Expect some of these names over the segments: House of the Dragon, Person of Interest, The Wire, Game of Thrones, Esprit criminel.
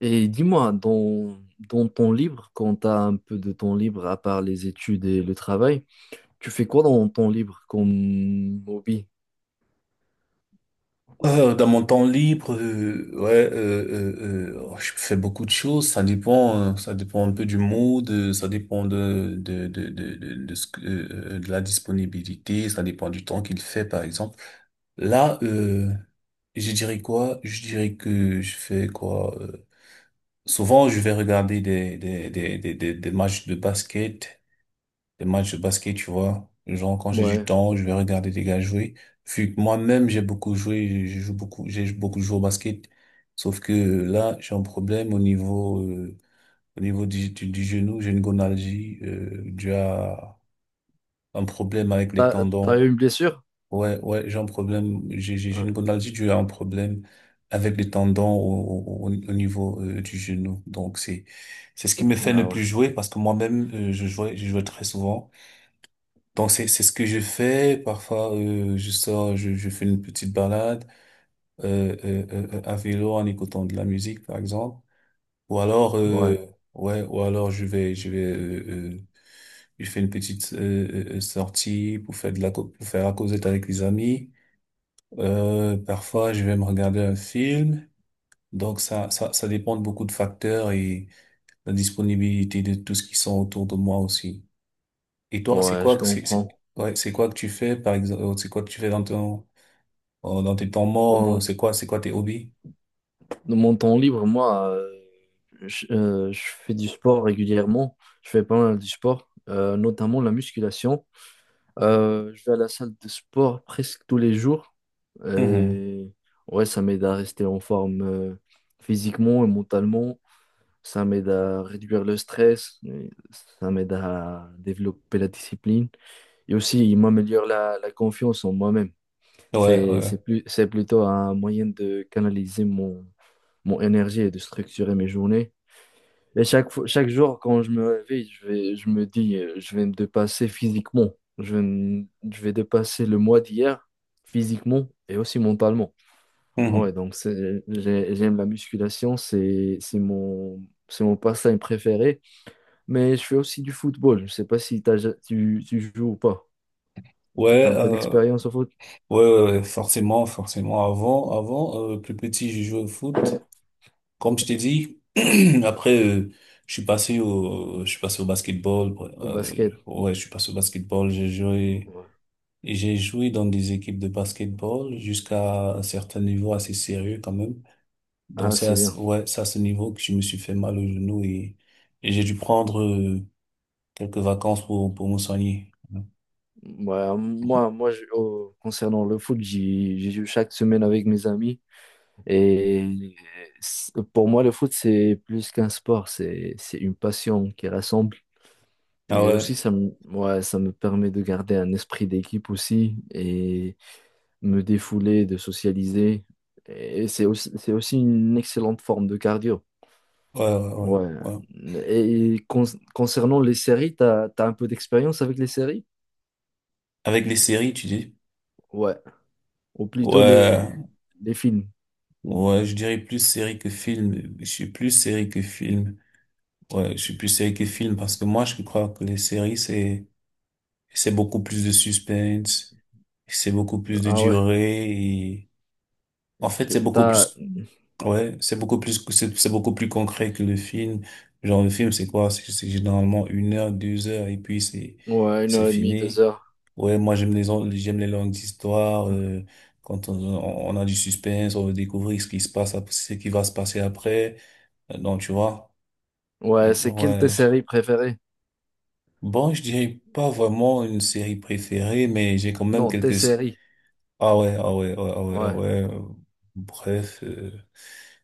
Et dis-moi, dans, dans ton libre, quand tu as un peu de temps libre, à part les études et le travail, tu fais quoi dans ton libre comme hobby? Dans mon temps libre, oh, je fais beaucoup de choses. Ça dépend un peu du mood. Ça dépend de de la disponibilité. Ça dépend du temps qu'il fait, par exemple. Là, je dirais quoi? Je dirais que je fais quoi? Souvent, je vais regarder des matchs de basket, tu vois. Genre, quand j'ai du Ouais. temps, je vais regarder des gars jouer. Vu que moi-même, j'ai beaucoup joué, je joue beaucoup, j'ai beaucoup joué au basket. Sauf que là, j'ai un problème au niveau du genou. J'ai une gonalgie, due à un problème avec les T'as, t'as tendons. eu une blessure? Ouais, ouais, j'ai un problème, j'ai Ah, une gonalgie due à un problème avec les tendons au niveau, du genou. Donc, c'est ce qui me fait ne ah ouais, plus jouer parce que moi-même, je jouais très souvent. Donc c'est ce que je fais. Parfois je sors, je fais une petite balade à vélo en écoutant de la musique par exemple. Ou alors ouais, ouais, ou alors je vais euh, je fais une petite sortie pour faire de la co- pour faire la causette avec les amis. Parfois je vais me regarder un film. Donc ça dépend de beaucoup de facteurs et la disponibilité de tout ce qui sont autour de moi aussi. Et toi, c'est ouais, quoi je que c'est- comprends. ouais, c'est quoi que tu fais par exemple, c'est quoi que tu fais dans ton dans tes temps Dans morts, mon, c'est quoi, c'est quoi tes hobbies? dans mon temps libre, moi, je fais du sport régulièrement. Je fais pas mal du sport, notamment la musculation. Je vais à la salle de sport presque tous les jours. Mhm. Et ouais, ça m'aide à rester en forme physiquement et mentalement. Ça m'aide à réduire le stress. Et ça m'aide à développer la discipline. Et aussi, il m'améliore la, la confiance en moi-même. Ouais, ouais. C'est plus, c'est plutôt un moyen de canaliser mon, mon énergie et de structurer mes journées. Et chaque fois, chaque jour, quand je me réveille, je vais, je me dis, je vais me dépasser physiquement. Je vais, je vais dépasser le mois d'hier physiquement et aussi mentalement. Ouais, Mhm. donc j'aime la musculation, c'est mon passe-temps préféré. Mais je fais aussi du football. Je sais pas si tu, tu joues ou pas. T'as Ouais, un peu d'expérience au foot, ouais, ouais, ouais, forcément, forcément. Avant, avant, plus petit, je jouais au foot. Comme je t'ai dit, après, je suis passé au basketball. Ouais. au basket. Ouais, je suis passé au basketball. Ouais. J'ai joué dans des équipes de basketball jusqu'à un certain niveau assez sérieux quand même. Donc Ah, c'est bien. ouais, c'est à ce niveau que je me suis fait mal au genou, et j'ai dû prendre quelques vacances pour me soigner. Ouais, moi, moi, concernant le foot, j'y j'y joue chaque semaine avec mes amis. Et pour moi, le foot, c'est plus qu'un sport, c'est une passion qui rassemble. Ah Et ouais, aussi, ça me, ouais, ça me permet de garder un esprit d'équipe aussi et me défouler, de socialiser. Et c'est aussi une excellente forme de cardio. ouais, ouais, Ouais. ouais. Ouais. Et concernant les séries, t'as, t'as un peu d'expérience avec les séries? Avec les séries, tu dis? Ouais. Ou plutôt Ouais, les films. ouais, je dirais plus série que film. Je suis plus série que film. Ouais, je suis plus série que film parce que moi, je crois que les séries, c'est beaucoup plus de suspense, c'est beaucoup plus de Ah ouais. durée. En fait, c'est beaucoup T'as, plus, ouais, c'est beaucoup plus, c'est beaucoup plus concret que le film. Genre, le film, c'est quoi? C'est généralement une heure, deux heures, et puis ouais, une c'est heure et demie, deux fini. heures. Ouais, moi, j'aime les longues histoires, quand on a du suspense, on veut découvrir ce qui se passe, ce qui va se passer après. Donc, tu vois. Ouais, c'est quelle tes Ouais. séries préférées? Bon, je dirais pas vraiment une série préférée, mais j'ai quand même Non, tes quelques... séries. Ah ouais, ah ouais, ah ouais, ah ouais, ah Ouais. ouais. Bref,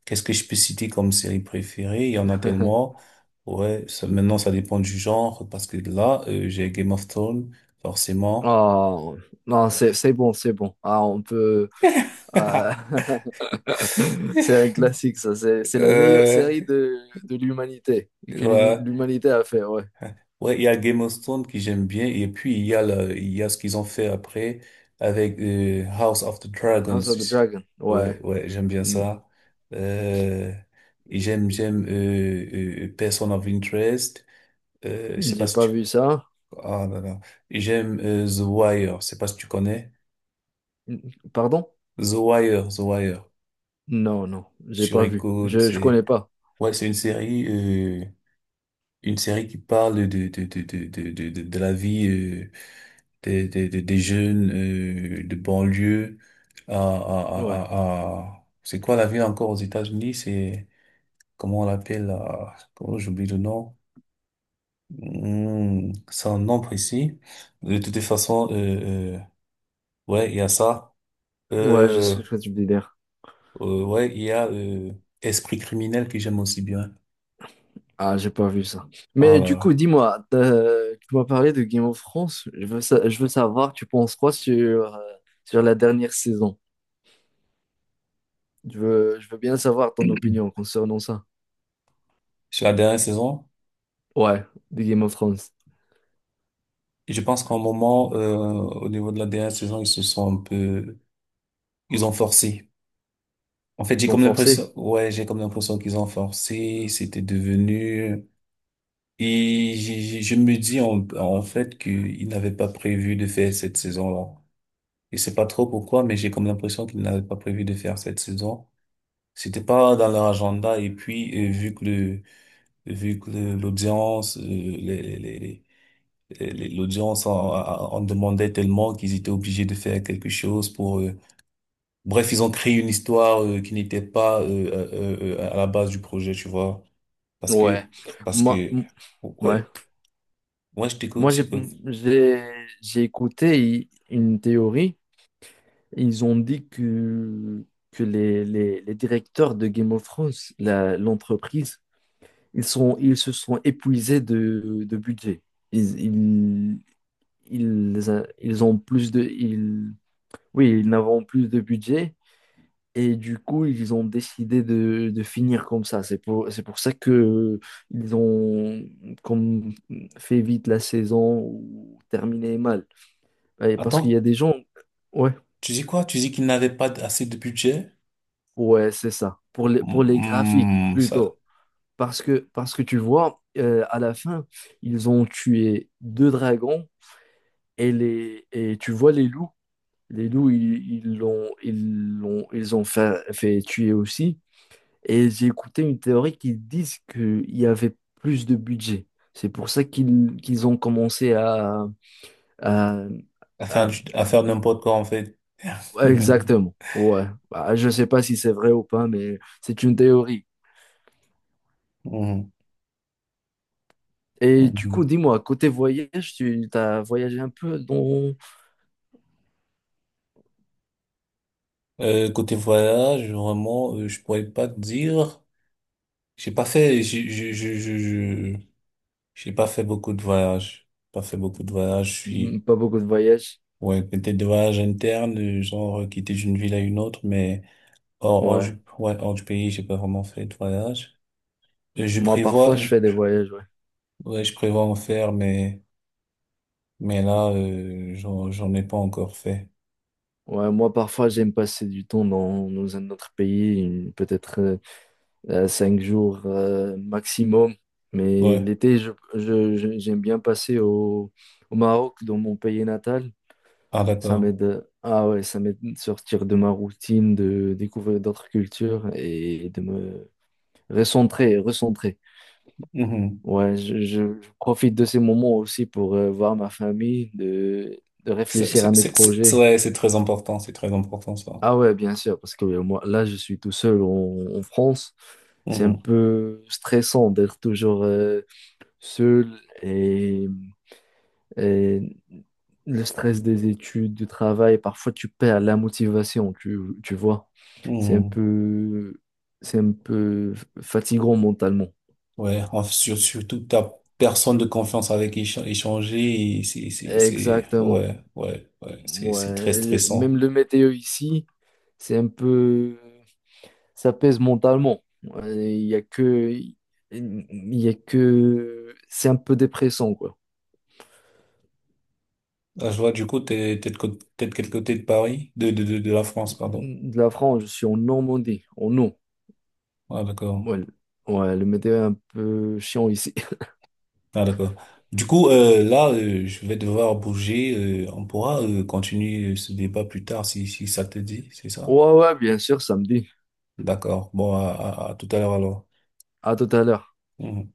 qu'est-ce que je peux citer comme série préférée? Il y en a tellement. Ouais, ça, maintenant ça dépend du genre, parce que là, j'ai Game of Thrones, forcément. Oh, non, c'est bon, c'est bon. Ah, on peut. Ah, c'est un classique, ça. C'est la meilleure Euh, série de l'humanité et que ouais, l'humanité a fait, ouais. ouais, il y a Game of Thrones qui j'aime bien, et puis il y a le, il y a ce qu'ils ont fait après avec House of the Dragons. House of the Dragon, Ouais, ouais. ouais, j'aime bien Hmm, ça. Euh, et j'aime, j'aime Person of Interest. Je sais pas j'ai si pas tu... vu ça. Ah là là. J'aime The Wire. Je sais pas si tu connais. Hmm, pardon? The Wire, The Wire. Non, non, j'ai Sur pas vu. écoute, Je c'est... connais pas. Ouais, c'est une série... une série qui parle de la vie des jeunes de banlieue Ouais. C'est quoi la ville encore aux États-Unis? C'est... Comment on l'appelle? Là, comment j'oublie le nom? Hmm, c'est un nom précis. De toute façon, ouais, il y a ça. Ouais, je Euh, sais ce que tu veux dire. Ouais, il y a Esprit criminel que j'aime aussi bien. Ah, j'ai pas vu ça. Ah Mais là du coup, là. dis-moi, tu m'as parlé de Game of Thrones. Je veux, je veux savoir, tu penses quoi sur, sur la dernière saison? Je veux bien savoir ton opinion concernant ça. Sur la dernière saison, Ouais, de Game of Thrones. je pense qu'à un moment, au niveau de la dernière saison, ils se sont un peu, ils ont forcé. En fait, Ils j'ai vont comme forcer. l'impression, ouais, j'ai comme l'impression qu'ils ont forcé. C'était devenu. Je me dis en, en fait qu'ils n'avaient pas prévu de faire cette saison-là. Je sais pas trop pourquoi, mais j'ai comme l'impression qu'ils n'avaient pas prévu de faire cette saison. C'était pas dans leur agenda. Et puis, vu que l'audience, l'audience en, en demandait tellement qu'ils étaient obligés de faire quelque chose pour... Bref, ils ont créé une histoire qui n'était pas à la base du projet, tu vois. Parce Ouais. que... Parce Moi, que... ouais. Ouais, ouais, je t'écoute. Moi, j'ai, j'ai écouté une théorie. Ils ont dit que les directeurs de Game of Thrones, l'entreprise, ils sont, ils se sont épuisés de budget. Ils, ils, ils, ils ont plus de, ils, oui, ils n'avaient plus de budget et du coup, ils ont décidé de finir comme ça. C'est pour ça que ils ont comme fait vite la saison ou terminé mal. Et parce qu'il y Attends, a des gens, ouais, tu dis quoi? Tu dis qu'ils n'avaient pas assez de budget? ouais, c'est ça. Pour les graphiques Hmm, ça, plutôt. Parce que tu vois, à la fin, ils ont tué deux dragons. Et, les, et tu vois les loups. Les loups, ils ils l'ont, ils l'ont, ils ont fait, fait tuer aussi. Et j'ai écouté une théorie qui disent qu'il y avait plus de budget. C'est pour ça qu'ils ont commencé à, à- à- à faire n'importe quoi, en fait. exactement. Ouais. Bah, je sais pas si c'est vrai ou pas, mais c'est une théorie. Mhm. Et du coup, Mhm. dis-moi, côté voyage, tu as voyagé un peu dans... Côté voyage, vraiment, je pourrais pas te dire. J'ai pas fait, j'ai- J'ai pas fait beaucoup de voyages. Pas fait beaucoup de voyages. Je Hmm, suis, pas beaucoup de voyages. ouais, peut-être des voyages internes, genre quitter d'une ville à une autre, mais hors, hors Ouais. du, ouais, hors du pays, j'ai pas vraiment fait de voyage. Euh, Je Moi, parfois, prévois, je je- fais des voyages. Ouais. ouais, je prévois en faire, mais là, j'en ai pas encore fait. Ouais, moi, parfois, j'aime passer du temps dans, dans un autre pays, peut-être 5 jours maximum. Mais Ouais. l'été, je, j'aime bien passer au, au Maroc, dans mon pays natal. Ah, Ça d'accord. m'aide, ah ouais, ça m'aide de sortir de ma routine, de découvrir d'autres cultures et de me recentrer, recentrer. Mhm. Ouais, je, je profite de ces moments aussi pour voir ma famille, de C'est, réfléchir à c'est, mes c'est, projets. ouais, c'est très important, ça. Ah ouais, bien sûr, parce que moi, là, je suis tout seul en, en France. C'est un Mhm. peu stressant d'être toujours seul et, et le stress des études, du travail, parfois tu perds la motivation, tu vois. C'est un Mhm. peu, c'est un peu fatigant mentalement. Ouais, surtout que t'as personne de confiance avec qui échanger, et c'est, Exactement. ouais, ouais, ouais, c'est Ouais, très le- stressant. même le météo ici, c'est un peu ça pèse mentalement. Il y a que, il y a que, c'est un peu dépressant quoi. Ah, je vois. Du coup, t'es de quel côté de Paris? De, de la France, pardon. De la France, je suis en Normandie, en eau. Ah, d'accord. Ouais, ouais, le météo est un peu chiant ici. Ah, d'accord. Du coup, là, je vais devoir bouger. On pourra, continuer ce débat plus tard, si, si ça te dit, c'est ça? Ouais, ouais, bien sûr, samedi. D'accord. Bon, à tout à l'heure alors. À tout à l'heure. Mhm.